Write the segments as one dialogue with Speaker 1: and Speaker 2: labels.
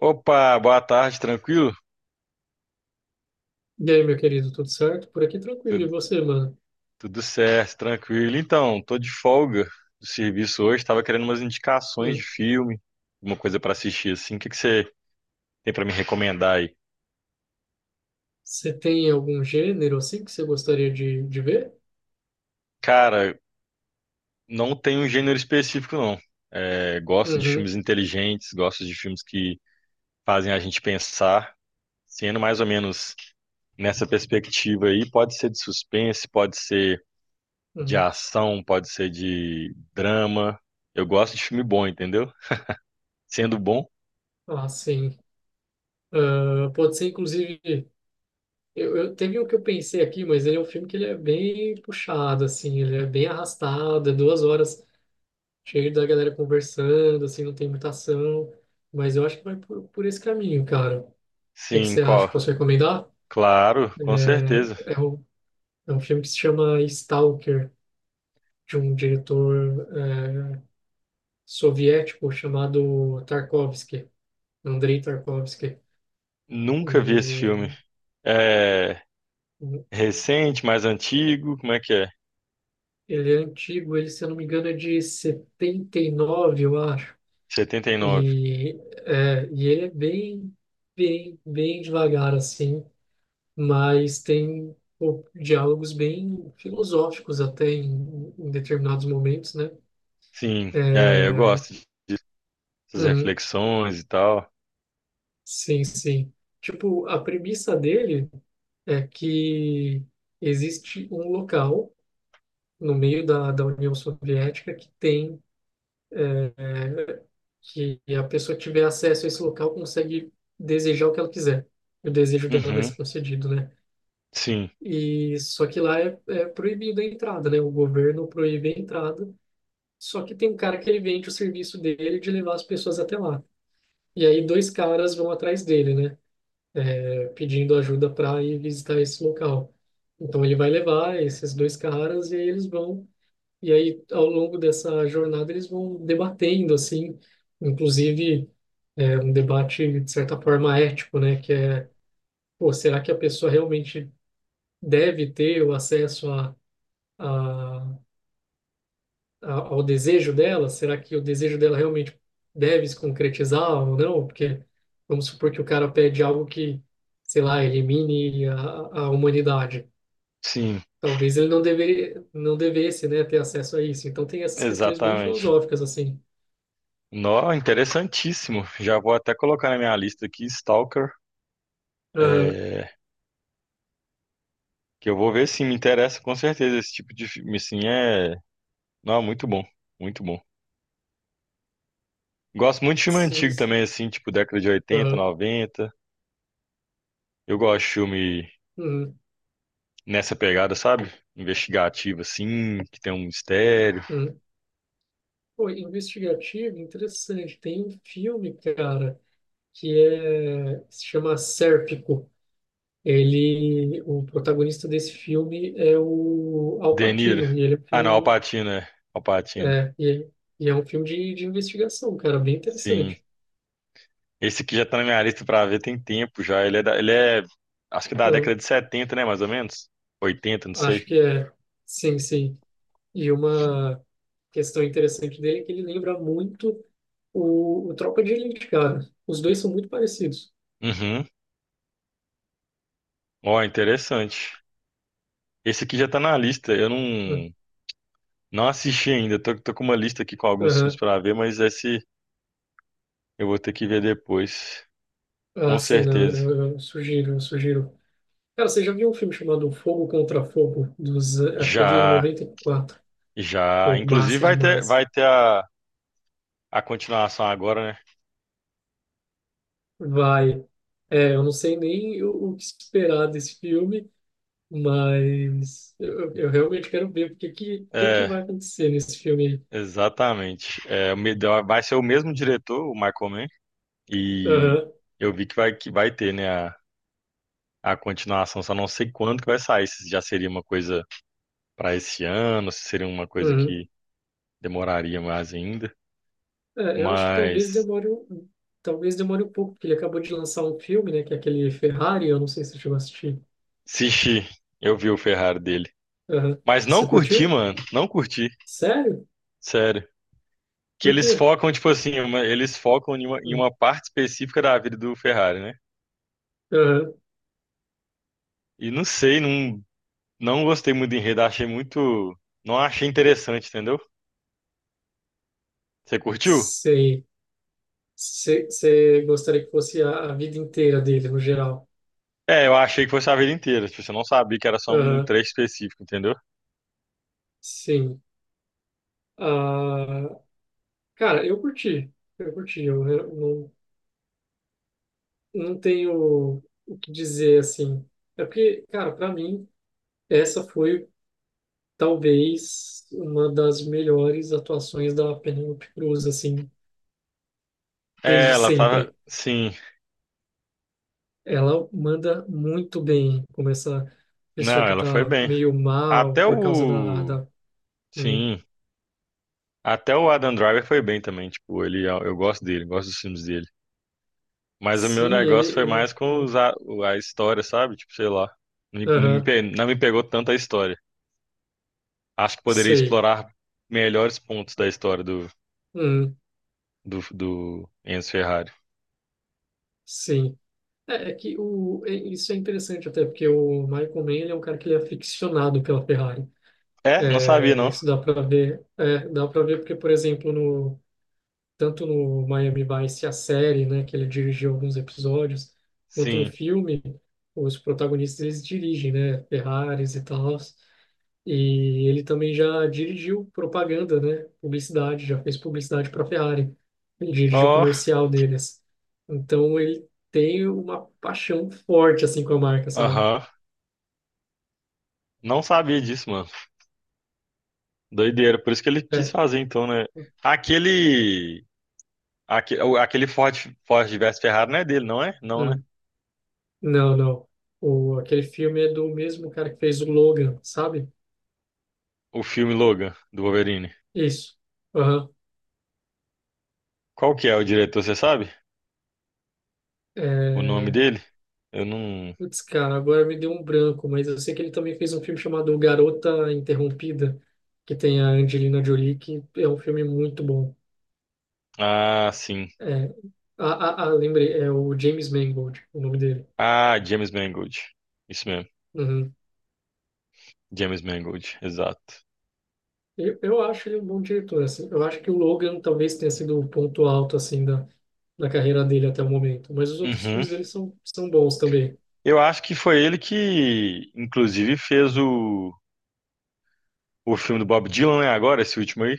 Speaker 1: Opa, boa tarde, tranquilo?
Speaker 2: E aí, meu querido, tudo certo? Por aqui tranquilo. E
Speaker 1: Tudo,
Speaker 2: você, mano?
Speaker 1: tudo certo, tranquilo. Então, tô de folga do serviço hoje, tava querendo umas indicações de
Speaker 2: Hum.
Speaker 1: filme, uma coisa pra assistir assim. O que que você tem pra me recomendar aí?
Speaker 2: Você tem algum gênero assim que você gostaria de ver?
Speaker 1: Cara, não tem um gênero específico não. É, gosto de
Speaker 2: Uhum,
Speaker 1: filmes inteligentes, gosto de filmes que fazem a gente pensar, sendo mais ou menos nessa perspectiva aí, pode ser de suspense, pode ser de
Speaker 2: uhum.
Speaker 1: ação, pode ser de drama. Eu gosto de filme bom, entendeu? Sendo bom.
Speaker 2: Ah, sim. Ah, pode ser, inclusive. Eu teve um que eu pensei aqui, mas ele é um filme que ele é bem puxado, assim, ele é bem arrastado, é 2 horas cheio da galera conversando, assim, não tem muita ação. Mas eu acho que vai por esse caminho, cara. O que que
Speaker 1: Sim,
Speaker 2: você acha?
Speaker 1: qual?
Speaker 2: Posso recomendar?
Speaker 1: Claro, com certeza.
Speaker 2: É, é um, é um filme que se chama Stalker. De um diretor soviético chamado Tarkovsky, Andrei Tarkovsky.
Speaker 1: Nunca vi esse
Speaker 2: E
Speaker 1: filme. É recente, mais antigo, como é que é?
Speaker 2: ele é antigo, ele, se eu não me engano, é de 79 eu acho.
Speaker 1: Setenta e nove.
Speaker 2: E, e ele é bem devagar, assim, mas tem pô, diálogos bem filosóficos até em determinados momentos, né?
Speaker 1: Sim, é, eu
Speaker 2: É,
Speaker 1: gosto dessas
Speaker 2: uhum,
Speaker 1: reflexões e tal.
Speaker 2: sim, sim. Tipo, a premissa dele é que existe um local no meio da União Soviética que tem é, é, que a pessoa que tiver acesso a esse local consegue desejar o que ela quiser. O desejo dela vai
Speaker 1: Uhum,
Speaker 2: ser concedido, né?
Speaker 1: sim,
Speaker 2: E só que lá é proibido a entrada, né? O governo proíbe a entrada. Só que tem um cara que ele vende o serviço dele de levar as pessoas até lá. E aí dois caras vão atrás dele, né? Pedindo ajuda para ir visitar esse local. Então ele vai levar esses dois caras e aí eles vão e aí ao longo dessa jornada eles vão debatendo assim, inclusive um debate de certa forma ético, né? Que é, pô, será que a pessoa realmente deve ter o acesso a ao desejo dela? Será que o desejo dela realmente deve se concretizar ou não? Porque vamos supor que o cara pede algo que, sei lá, elimine a humanidade.
Speaker 1: sim,
Speaker 2: Talvez ele não deveria, não devesse, né, ter acesso a isso. Então tem essas questões bem
Speaker 1: exatamente.
Speaker 2: filosóficas assim.
Speaker 1: Nó, interessantíssimo. Já vou até colocar na minha lista aqui, Stalker,
Speaker 2: Aham,
Speaker 1: é, que eu vou ver se me interessa com certeza esse tipo de filme, assim, é... Não, muito bom, muito bom. Gosto muito de filme
Speaker 2: sim,
Speaker 1: antigo também,
Speaker 2: sim.
Speaker 1: assim, tipo década de oitenta
Speaker 2: Aham,
Speaker 1: noventa. Eu gosto de filme
Speaker 2: hum,
Speaker 1: nessa pegada, sabe? Investigativo, assim, que tem um mistério.
Speaker 2: hum. Pô, investigativo, interessante. Tem um filme, cara, que se chama Sérpico. Ele, o protagonista desse filme é o Al
Speaker 1: De Niro.
Speaker 2: Pacino, e ele é um
Speaker 1: Ah, não, Al
Speaker 2: filme,
Speaker 1: Pacino, é. Al Pacino.
Speaker 2: é, e, é um filme de investigação, cara, bem
Speaker 1: Sim.
Speaker 2: interessante.
Speaker 1: Esse aqui já tá na minha lista pra ver tem tempo já. Ele é, acho que da
Speaker 2: É,
Speaker 1: década de 70, né, mais ou menos? 80, não
Speaker 2: acho
Speaker 1: sei.
Speaker 2: que é, sim, sim. E uma questão interessante dele é que ele lembra muito o Tropa de Elite, cara. Os dois são muito parecidos,
Speaker 1: Uhum. Ó, interessante. Esse aqui já tá na lista. Eu
Speaker 2: né?
Speaker 1: não, não assisti ainda. Tô com uma lista aqui com alguns filmes
Speaker 2: Aham.
Speaker 1: pra ver, mas esse eu vou ter que ver depois.
Speaker 2: Ah,
Speaker 1: Com
Speaker 2: sim, né?
Speaker 1: certeza.
Speaker 2: Eu sugiro, eu sugiro. Cara, você já viu um filme chamado Fogo contra Fogo, acho que é de
Speaker 1: Já.
Speaker 2: 94?
Speaker 1: Já,
Speaker 2: Pô,
Speaker 1: inclusive
Speaker 2: massa
Speaker 1: vai ter,
Speaker 2: demais.
Speaker 1: vai ter a continuação agora, né?
Speaker 2: Vai. É, eu não sei nem o que esperar desse filme, mas eu realmente quero ver o que que
Speaker 1: É,
Speaker 2: vai acontecer nesse filme aí.
Speaker 1: exatamente. Vai ser o mesmo diretor, o Michael Mann, e
Speaker 2: Aham,
Speaker 1: eu vi que vai ter, né, a continuação, só não sei quando que vai sair, se já seria uma coisa para esse ano, se seria uma coisa
Speaker 2: uhum.
Speaker 1: que demoraria mais ainda.
Speaker 2: É, eu acho que talvez
Speaker 1: Mas,
Speaker 2: demore um pouco, porque ele acabou de lançar um filme, né, que é aquele Ferrari, eu não sei se você chegou a assistir.
Speaker 1: Sishi, eu vi o Ferrari dele.
Speaker 2: Aham.
Speaker 1: Mas não
Speaker 2: Você
Speaker 1: curti,
Speaker 2: curtiu?
Speaker 1: mano, não curti,
Speaker 2: Sério?
Speaker 1: sério. Que
Speaker 2: Por
Speaker 1: eles
Speaker 2: quê?
Speaker 1: focam, tipo assim, eles focam em
Speaker 2: Uhum.
Speaker 1: uma parte específica da vida do Ferrari, né?
Speaker 2: Aham,
Speaker 1: E não sei, não, não gostei muito do enredo, achei muito. Não achei interessante, entendeu? Você curtiu?
Speaker 2: sei. Você gostaria que fosse a vida inteira dele, no geral.
Speaker 1: É, eu achei que fosse a vida inteira, tipo, você não sabia que era só um
Speaker 2: Aham,
Speaker 1: trecho específico, entendeu?
Speaker 2: sim. Ah, cara, eu curti. Eu curti. Não, não tenho o que dizer assim. É porque, cara, pra mim, essa foi talvez uma das melhores atuações da Penélope Cruz, assim,
Speaker 1: É,
Speaker 2: desde
Speaker 1: ela tava.
Speaker 2: sempre.
Speaker 1: Sim,
Speaker 2: Ela manda muito bem, como essa pessoa
Speaker 1: não,
Speaker 2: que
Speaker 1: ela foi
Speaker 2: tá
Speaker 1: bem.
Speaker 2: meio mal
Speaker 1: Até
Speaker 2: por causa da,
Speaker 1: o.
Speaker 2: da... Hum,
Speaker 1: Sim, até o Adam Driver foi bem também, tipo, ele, é, eu gosto dele, gosto dos filmes dele. Mas o meu
Speaker 2: sim, ele,
Speaker 1: negócio foi mais
Speaker 2: ele...
Speaker 1: com a história, sabe? Tipo, sei lá.
Speaker 2: Aham,
Speaker 1: Não me pegou tanto a história. Acho que poderia
Speaker 2: sei.
Speaker 1: explorar melhores pontos da história
Speaker 2: Hum,
Speaker 1: do Enzo Ferrari.
Speaker 2: sim. Isso é interessante até, porque o Michael Mann, ele é um cara que ele é aficionado pela Ferrari.
Speaker 1: É, não sabia,
Speaker 2: É,
Speaker 1: não.
Speaker 2: isso dá para ver, dá para ver porque, por exemplo, tanto no Miami Vice, a série, né, que ele dirigiu alguns episódios, quanto no
Speaker 1: Sim.
Speaker 2: filme, os protagonistas, eles dirigem, né, Ferraris e tal. E ele também já dirigiu propaganda, né? Publicidade, já fez publicidade para a Ferrari. Ele dirigiu o
Speaker 1: Ó,
Speaker 2: comercial deles. Então ele tem uma paixão forte assim com a marca, sabe?
Speaker 1: aham. Não sabia disso, mano. Doideira. Por isso que ele quis
Speaker 2: É.
Speaker 1: fazer, então, né? Aquele. Aquele Ford, Ford versus Ferrari não é dele, não é? Não, né?
Speaker 2: Hum, não, não. Aquele filme é do mesmo cara que fez o Logan, sabe?
Speaker 1: O filme Logan, do Wolverine.
Speaker 2: Isso. Aham.
Speaker 1: Qual que é o diretor, você sabe? O nome
Speaker 2: É...
Speaker 1: dele? Eu não.
Speaker 2: Putz, cara, agora me deu um branco, mas eu sei que ele também fez um filme chamado Garota Interrompida, que tem a Angelina Jolie, que é um filme muito bom.
Speaker 1: Ah, sim.
Speaker 2: É, ah, lembrei, é o James Mangold, o nome dele.
Speaker 1: Ah, James Mangold. Isso mesmo.
Speaker 2: Uhum.
Speaker 1: James Mangold, exato.
Speaker 2: Eu acho ele um bom diretor, assim. Eu acho que o Logan talvez tenha sido o ponto alto, assim, da carreira dele até o momento. Mas os outros
Speaker 1: Uhum.
Speaker 2: filmes dele são bons também.
Speaker 1: Eu acho que foi ele que, inclusive, fez o filme do Bob Dylan, né? Agora, esse último aí.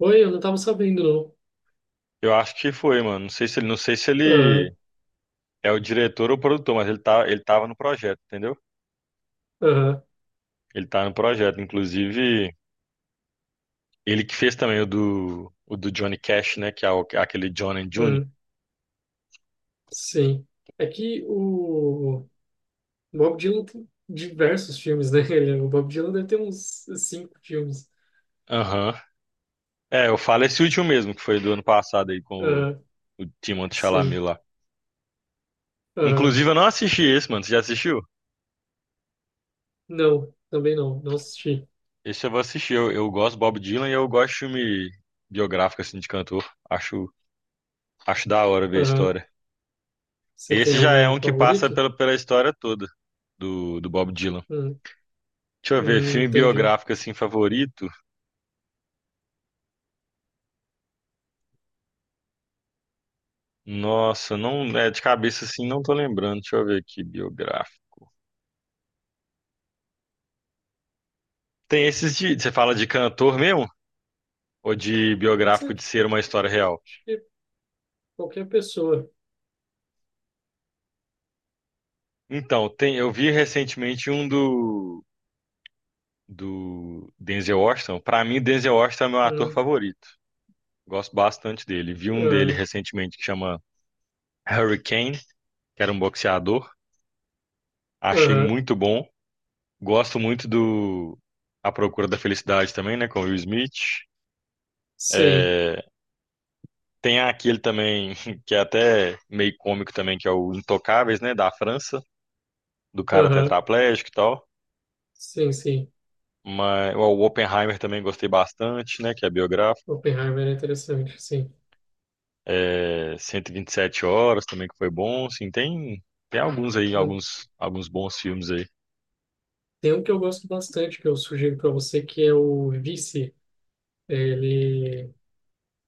Speaker 2: Oi, eu não estava sabendo, não.
Speaker 1: Eu acho que foi, mano. Não sei se ele
Speaker 2: Aham,
Speaker 1: é o diretor ou o produtor, mas ele tá, ele tava no projeto, entendeu?
Speaker 2: aham,
Speaker 1: Ele tá no projeto. Inclusive, ele que fez também o do Johnny Cash, né? Que é aquele John and June.
Speaker 2: hum, sim. É que o Bob Dylan tem diversos filmes, né? O Bob Dylan deve ter uns cinco filmes.
Speaker 1: Aham. É, eu falo esse último mesmo, que foi do ano passado aí com
Speaker 2: Aham,
Speaker 1: o Timothée Chalamet
Speaker 2: sim.
Speaker 1: lá.
Speaker 2: Aham,
Speaker 1: Inclusive, eu não assisti esse, mano. Você já assistiu?
Speaker 2: não, também não assisti.
Speaker 1: Esse eu vou assistir. Eu gosto do Bob Dylan e eu gosto de filme biográfico, assim, de cantor. Acho, acho da hora ver a
Speaker 2: Aham.
Speaker 1: história.
Speaker 2: Você tem
Speaker 1: Esse já é
Speaker 2: algum
Speaker 1: um que passa
Speaker 2: favorito?
Speaker 1: pela, pela história toda do, do Bob Dylan.
Speaker 2: Hum,
Speaker 1: Deixa eu ver, filme
Speaker 2: entendi.
Speaker 1: biográfico, assim, favorito? Nossa, não, é de cabeça, assim, não tô lembrando. Deixa eu ver aqui, biográfico. Tem esses de, você fala de cantor mesmo? Ou de
Speaker 2: Pode ser
Speaker 1: biográfico de ser uma história real?
Speaker 2: acho que qualquer pessoa.
Speaker 1: Então, tem, eu vi recentemente um do Denzel Washington, pra mim Denzel Washington é meu ator
Speaker 2: Hum,
Speaker 1: favorito. Gosto bastante dele. Vi um dele
Speaker 2: ah,
Speaker 1: recentemente que chama Hurricane, que era um boxeador. Achei
Speaker 2: aham,
Speaker 1: muito bom. Gosto muito do A Procura da Felicidade também, né, com o Will Smith.
Speaker 2: sim,
Speaker 1: É, tem aquele também que é até meio cômico também, que é o Intocáveis, né, da França, do cara
Speaker 2: aham,
Speaker 1: tetraplégico e tal.
Speaker 2: sim, sim.
Speaker 1: Mas ó, o Oppenheimer também gostei bastante, né, que é biográfico.
Speaker 2: Oppenheimer é interessante, sim.
Speaker 1: É, 127 horas também que foi bom, assim, tem alguns aí,
Speaker 2: Hum,
Speaker 1: alguns bons filmes aí.
Speaker 2: tem um que eu gosto bastante, que eu sugiro para você, que é o Vice. Ele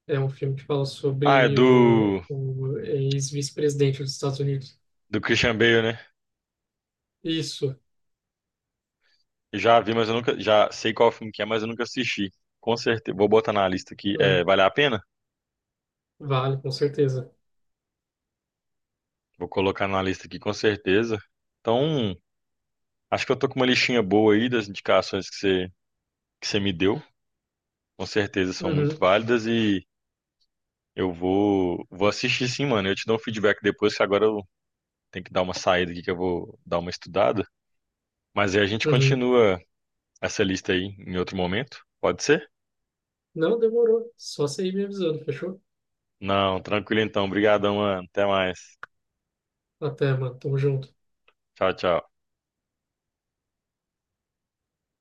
Speaker 2: é um filme que fala
Speaker 1: Ah, é
Speaker 2: sobre o, o ex-vice-presidente dos Estados Unidos.
Speaker 1: do Christian Bale, né?
Speaker 2: Isso,
Speaker 1: Já vi, mas eu nunca já sei qual filme que é, mas eu nunca assisti. Com certeza, vou botar na lista aqui. É,
Speaker 2: hum,
Speaker 1: vale a pena?
Speaker 2: vale, com certeza.
Speaker 1: Vou colocar na lista aqui com certeza. Então, acho que eu tô com uma listinha boa aí das indicações que você me deu. Com certeza são muito
Speaker 2: Uhum,
Speaker 1: válidas e eu vou assistir sim, mano. Eu te dou um feedback depois, que agora eu tenho que dar uma saída aqui que eu vou dar uma estudada. Mas aí a gente
Speaker 2: uhum.
Speaker 1: continua essa lista aí em outro momento. Pode ser?
Speaker 2: Não demorou, só você ir me avisando, fechou?
Speaker 1: Não, tranquilo então. Obrigadão, mano. Até mais.
Speaker 2: Até, mano. Tamo junto.
Speaker 1: Tchau, tchau.